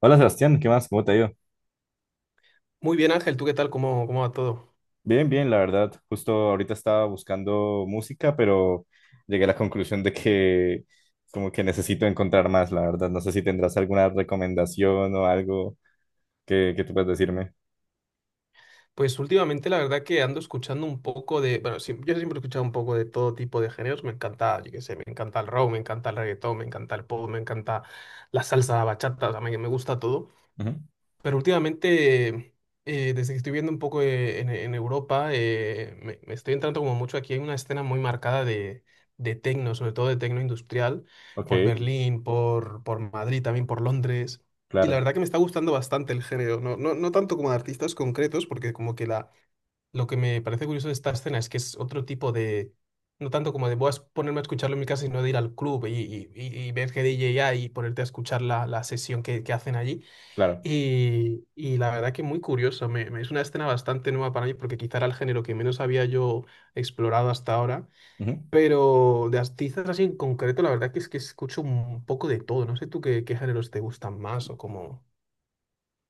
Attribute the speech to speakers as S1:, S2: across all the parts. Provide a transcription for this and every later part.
S1: Hola Sebastián, ¿qué más? ¿Cómo te ha ido?
S2: Muy bien, Ángel, ¿tú qué tal? ¿Cómo va todo?
S1: Bien, bien, la verdad. Justo ahorita estaba buscando música, pero llegué a la conclusión de que como que necesito encontrar más, la verdad. No sé si tendrás alguna recomendación o algo que tú puedas decirme.
S2: Pues últimamente la verdad que ando escuchando un poco de, bueno, sí, yo siempre he escuchado un poco de todo tipo de géneros, me encanta, yo qué sé, me encanta el rock, me encanta el reggaetón, me encanta el pop, me encanta la salsa, la bachata, o sea, me gusta todo.
S1: Ujú.
S2: Pero últimamente, desde que estoy viendo un poco en Europa, me estoy entrando como mucho. Aquí hay una escena muy marcada de tecno, sobre todo de tecno industrial,
S1: Ok,
S2: por Berlín, por Madrid, también por Londres. Y la
S1: claro,
S2: verdad que me está gustando bastante el género, no, no tanto como de artistas concretos, porque como que la, lo que me parece curioso de esta escena es que es otro tipo de, no tanto como de voy a ponerme a escucharlo en mi casa, sino de ir al club y ver que hay y ponerte a escuchar la sesión que hacen allí.
S1: claro.
S2: Y, y la verdad que muy curioso, es una escena bastante nueva para mí porque quizá era el género que menos había yo explorado hasta ahora,
S1: Ujú.
S2: pero de artistas así en concreto, la verdad que es que escucho un poco de todo. No sé tú qué, qué géneros te gustan más o como...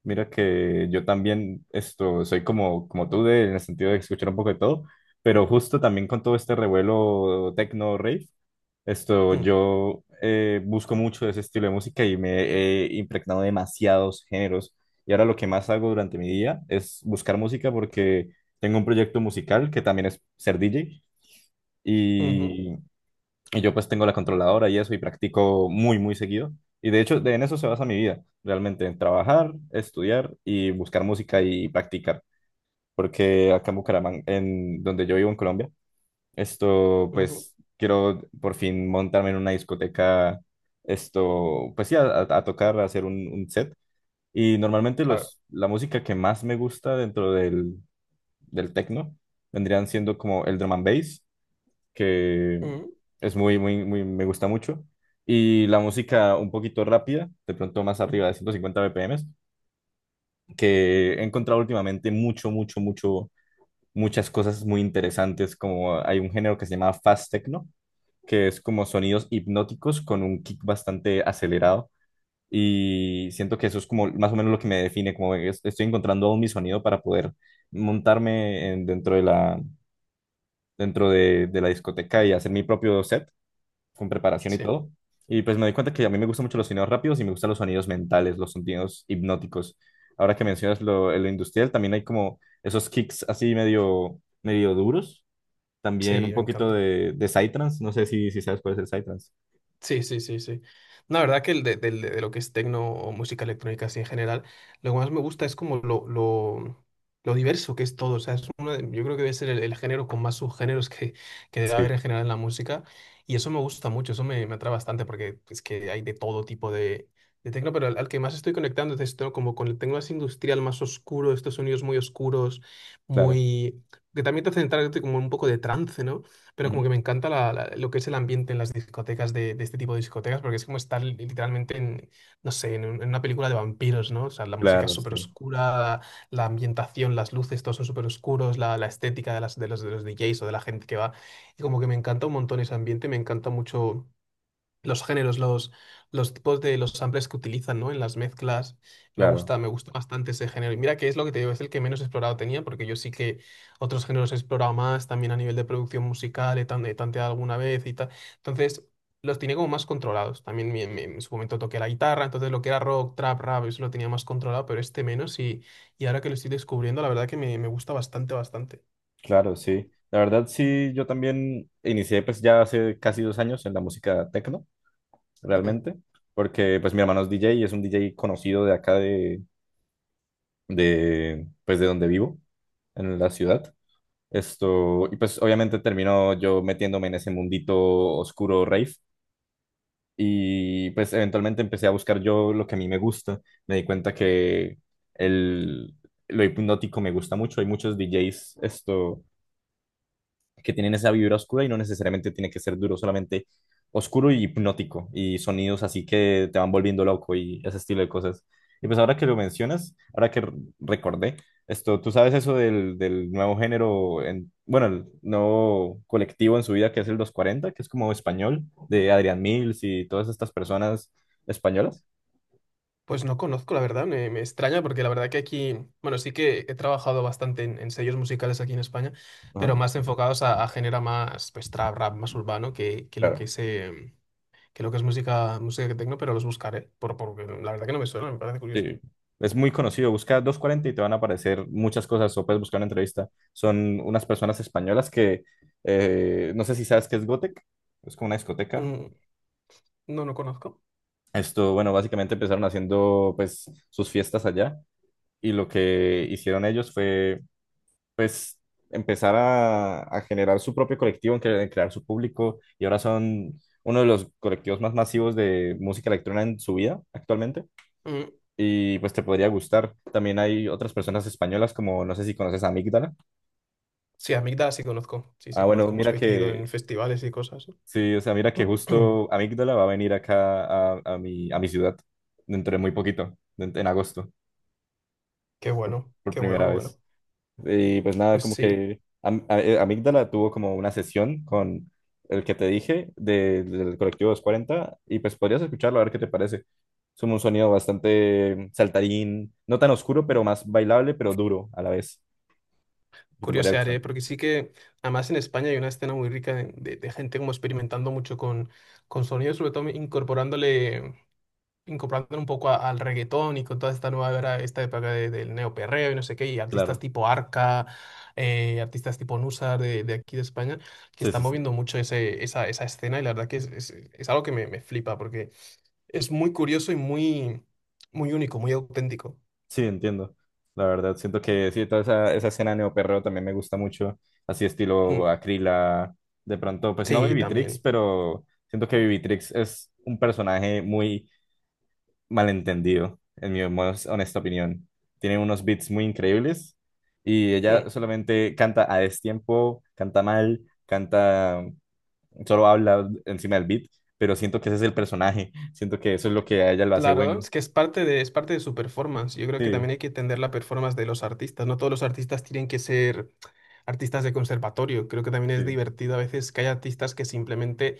S1: Mira que yo también soy como, como tú en el sentido de escuchar un poco de todo, pero justo también con todo este revuelo techno rave. Esto,
S2: Mm,
S1: yo eh, busco mucho ese estilo de música y me he impregnado de demasiados géneros. Y ahora lo que más hago durante mi día es buscar música porque tengo un proyecto musical que también es ser DJ
S2: ujú,
S1: y, y yo pues tengo la controladora y eso y practico muy, muy seguido. Y de hecho, en eso se basa mi vida, realmente, en trabajar, estudiar y buscar música y practicar. Porque acá en Bucaramanga, en donde yo vivo en Colombia,
S2: ujú,
S1: pues, quiero por fin montarme en una discoteca, pues sí, a tocar, a hacer un set. Y normalmente
S2: claro,
S1: la música que más me gusta dentro del techno vendrían siendo como el drum and bass, que
S2: mm,
S1: es muy, muy, muy, me gusta mucho. Y la música un poquito rápida, de pronto más arriba de 150 BPMs, que he encontrado últimamente mucho, mucho, mucho, muchas cosas muy interesantes, como hay un género que se llama fast techno que es como sonidos hipnóticos con un kick bastante acelerado. Y siento que eso es como más o menos lo que me define, como que estoy encontrando aún mi sonido para poder dentro de la, dentro de la discoteca y hacer mi propio set con preparación y
S2: sí,
S1: todo. Y pues me doy cuenta que a mí me gustan mucho los sonidos rápidos y me gustan los sonidos mentales, los sonidos hipnóticos. Ahora que mencionas lo industrial, también hay como esos kicks así medio, medio duros. También
S2: sí,
S1: un
S2: me
S1: poquito
S2: encanta.
S1: de psytrance. No sé si sabes cuál es el psytrance.
S2: Sí, sí, sí, sí. No, la verdad que el de lo que es tecno o música electrónica así en general, lo que más me gusta es como lo diverso que es todo. O sea, es yo creo que debe ser el género con más subgéneros que debe haber
S1: Sí.
S2: en general en la música. Y eso me gusta mucho, eso me atrae bastante porque es que hay de todo tipo de tecno, pero al que más estoy conectando es esto, como con el tecno más industrial, más oscuro, estos sonidos muy oscuros,
S1: Claro.
S2: muy... que también te hacen entrar como en un poco de trance, ¿no? Pero como
S1: Ujú.
S2: que me encanta lo que es el ambiente en las discotecas de este tipo de discotecas, porque es como estar literalmente en, no sé, en, en una película de vampiros, ¿no? O sea, la música es
S1: Claro,
S2: súper
S1: sí,
S2: oscura, la ambientación, las luces, todos son súper oscuros, la estética de, las, de los DJs o de la gente que va. Y como que me encanta un montón ese ambiente, me encanta mucho los géneros, los tipos de los samples que utilizan, ¿no?, en las mezclas.
S1: claro,
S2: Me gusta bastante ese género. Y mira que es lo que te digo, es el que menos explorado tenía, porque yo sí que otros géneros he explorado más, también a nivel de producción musical, he, he tanteado alguna vez y tal. Entonces, los tenía como más controlados. También en su momento toqué la guitarra, entonces lo que era rock, trap, rap, eso lo tenía más controlado, pero este menos. Y ahora que lo estoy descubriendo, la verdad que me gusta bastante, bastante.
S1: claro, sí. La verdad, sí, yo también inicié pues ya hace casi dos años en la música tecno, realmente, porque pues mi hermano es DJ y es un DJ conocido de acá de pues de donde vivo, en la ciudad. Y pues obviamente terminó yo metiéndome en ese mundito oscuro rave y pues eventualmente empecé a buscar yo lo que a mí me gusta. Me di cuenta que el, lo hipnótico me gusta mucho. Hay muchos DJs esto que tienen esa vibra oscura y no necesariamente tiene que ser duro, solamente oscuro y hipnótico y sonidos así que te van volviendo loco y ese estilo de cosas. Y pues ahora que lo mencionas, ahora recordé tú sabes eso del nuevo género, bueno, el nuevo colectivo en su vida que es el doscientos cuarenta que es como español, de Adrián Mills y todas estas personas españolas.
S2: Pues no conozco, la verdad, me extraña porque la verdad que aquí, bueno, sí que he trabajado bastante en sellos musicales aquí en España, pero
S1: Ajá,
S2: más enfocados a género más, pues, trap, rap, más urbano que lo que
S1: claro.
S2: es, que lo que es música, música tecno, pero los buscaré, por, porque la verdad que no me suena, me parece curioso.
S1: Sí, es muy conocido. Busca dos cuarenta y te van a aparecer muchas cosas o puedes buscar una entrevista. Son unas personas españolas que no sé si sabes qué es Gotek. Es como una discoteca.
S2: Mm, no, no conozco.
S1: Bueno, básicamente empezaron haciendo pues sus fiestas allá y lo que hicieron ellos fue pues empezar a generar su propio colectivo, en crear su público y ahora son uno de los colectivos más masivos de música electrónica en su vida actualmente.
S2: Mm,
S1: Y pues te podría gustar. También hay otras personas españolas como, no sé si conoces a Amígdala.
S2: sí, Amígdala sí conozco, sí,
S1: Ah,
S2: sí
S1: bueno,
S2: conozco, hemos
S1: mira
S2: coincidido
S1: que,
S2: en festivales y cosas.
S1: sí, o sea, mira que justo Amígdala va a venir acá a mi ciudad dentro de muy poquito, en agosto,
S2: Qué bueno,
S1: por
S2: qué bueno, qué
S1: primera
S2: bueno.
S1: vez. Y pues nada,
S2: Pues
S1: como
S2: sí.
S1: que Amígdala tuvo como una sesión con el que te dije del colectivo 240 y pues podrías escucharlo a ver qué te parece. Es un sonido bastante saltarín, no tan oscuro, pero más bailable, pero duro a la vez. ¿Qué te podría gustar?
S2: Curiosearé, ¿eh? Porque sí que, además en España hay una escena muy rica de, de gente como experimentando mucho con sonidos, sobre todo incorporándole, incorporándole un poco al reggaetón y con toda esta nueva era, esta época del neoperreo y no sé qué, y artistas
S1: Claro,
S2: tipo Arca, artistas tipo Nusar de aquí de España, que
S1: sí,
S2: están
S1: sí, sí,
S2: moviendo mucho ese, esa escena y la verdad que es, es algo que me flipa, porque es muy curioso y muy, muy único, muy auténtico.
S1: sí, entiendo. La verdad, siento que sí, toda esa escena neoperreo también me gusta mucho, así estilo
S2: Mm.
S1: Acrila, de pronto, pues no
S2: Sí,
S1: Vivitrix,
S2: también.
S1: pero siento que Vivitrix es un personaje muy malentendido, en mi más honesta opinión. Tiene unos beats muy increíbles y
S2: Hmm.
S1: ella solamente canta a destiempo, canta mal, canta, solo habla encima del beat, pero siento que ese es el personaje, siento que eso es lo que a ella lo hace
S2: Claro,
S1: bueno.
S2: es que es parte de su performance. Yo creo que también
S1: Sí,
S2: hay que entender la performance de los artistas. No todos los artistas tienen que ser artistas de conservatorio. Creo que también es
S1: sí,
S2: divertido a veces que hay artistas que simplemente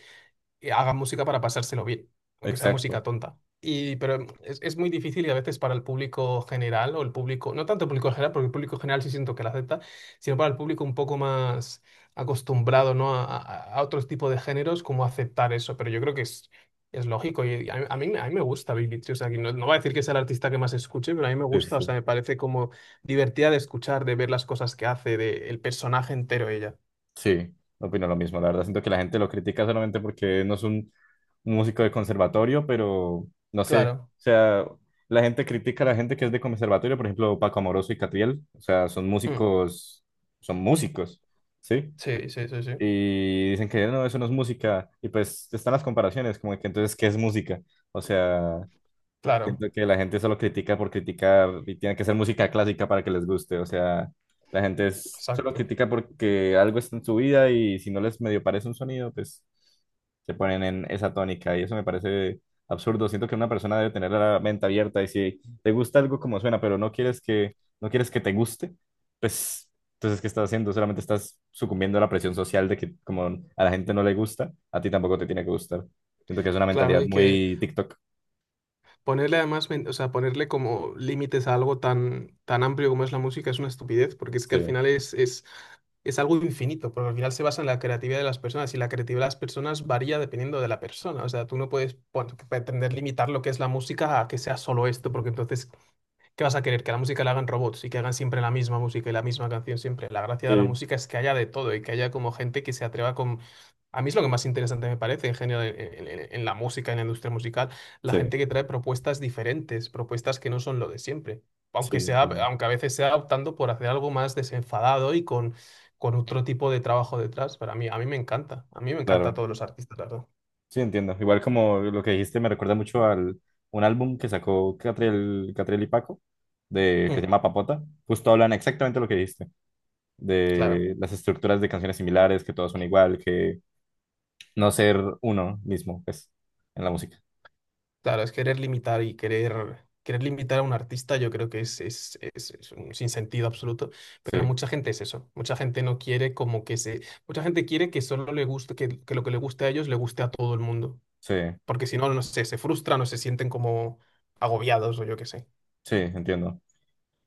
S2: hagan música para pasárselo bien, aunque sea
S1: exacto.
S2: música tonta. Y, pero es muy difícil y a veces para el público general o el público, no tanto el público general, porque el público general sí siento que la acepta, sino para el público un poco más acostumbrado, ¿no?, a, a otros tipos de géneros, como aceptar eso. Pero yo creo que es lógico y a mí me gusta Billie Eilish. O sea, que no, no voy a decir que sea el artista que más escuche, pero a mí me
S1: Sí, sí,
S2: gusta, o sea,
S1: sí,
S2: me parece como divertida de escuchar, de ver las cosas que hace, de el personaje entero ella.
S1: sí, opino lo mismo. La verdad, siento que la gente lo critica solamente porque no es un músico de conservatorio, pero no sé.
S2: Claro.
S1: O sea, la gente critica a la gente que es de conservatorio, por ejemplo, Paco Amoroso y Catriel. O sea,
S2: Mm.
S1: son músicos, ¿sí?
S2: Sí, sí, sí, sí.
S1: Y dicen que no, eso no es música. Y pues están las comparaciones, como que entonces, ¿qué es música? O sea.
S2: Claro.
S1: Siento que la gente solo critica por criticar y tiene que ser música clásica para que les guste. O sea, la gente solo
S2: Exacto.
S1: critica porque algo está en su vida y si no les medio parece un sonido, pues se ponen en esa tónica y eso me parece absurdo. Siento que una persona debe tener la mente abierta y si te gusta algo como suena, pero no quieres que, no quieres que te guste, pues entonces ¿qué estás haciendo? Solamente estás sucumbiendo a la presión social de que como a la gente no le gusta, a ti tampoco te tiene que gustar. Siento que es una
S2: Claro,
S1: mentalidad
S2: hay que
S1: muy TikTok.
S2: ponerle además, o sea, ponerle como límites a algo tan, tan amplio como es la música es una estupidez, porque es que al
S1: Sí.
S2: final es algo infinito, porque al final se basa en la creatividad de las personas y la creatividad de las personas varía dependiendo de la persona. O sea, tú no puedes pretender limitar lo que es la música a que sea solo esto, porque entonces ¿qué vas a querer? ¿Que a la música la hagan robots y que hagan siempre la misma música y la misma canción siempre? La gracia de la
S1: Sí.
S2: música es que haya de todo y que haya como gente que se atreva con... A mí es lo que más interesante me parece en general en, en la música, en la industria musical, la
S1: Sí,
S2: gente que trae propuestas diferentes, propuestas que no son lo de siempre. Aunque
S1: sí,
S2: sea,
S1: claro.
S2: aunque a veces sea optando por hacer algo más desenfadado y con otro tipo de trabajo detrás. Pero a mí me encanta. A mí me encanta a
S1: Claro,
S2: todos los artistas, la verdad.
S1: sí, entiendo. Igual como lo que dijiste me recuerda mucho al un álbum que sacó Catriel, Catriel y Paco, de, que se
S2: Mm,
S1: llama Papota. Justo hablan exactamente lo que dijiste,
S2: claro.
S1: de las estructuras de canciones similares, que todas son igual, que no ser uno mismo, pues, en la música.
S2: Claro, es querer limitar y querer, querer limitar a un artista, yo creo que es un sinsentido absoluto, pero
S1: Sí,
S2: mucha gente es eso, mucha gente no quiere como que se, mucha gente quiere que solo le guste, que lo que le guste a ellos le guste a todo el mundo,
S1: sí,
S2: porque si no, no sé, se frustran o se sienten como agobiados o yo qué sé.
S1: sí, entiendo.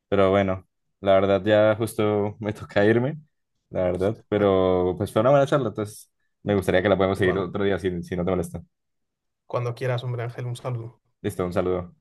S1: Pero bueno, la verdad ya justo me toca irme, la verdad.
S2: Bueno,
S1: Pero pues fue una buena charla, entonces me gustaría que la podamos seguir
S2: igual,
S1: otro día si, si no te molesta.
S2: cuando quieras, hombre Ángel, un saludo.
S1: Listo, un saludo.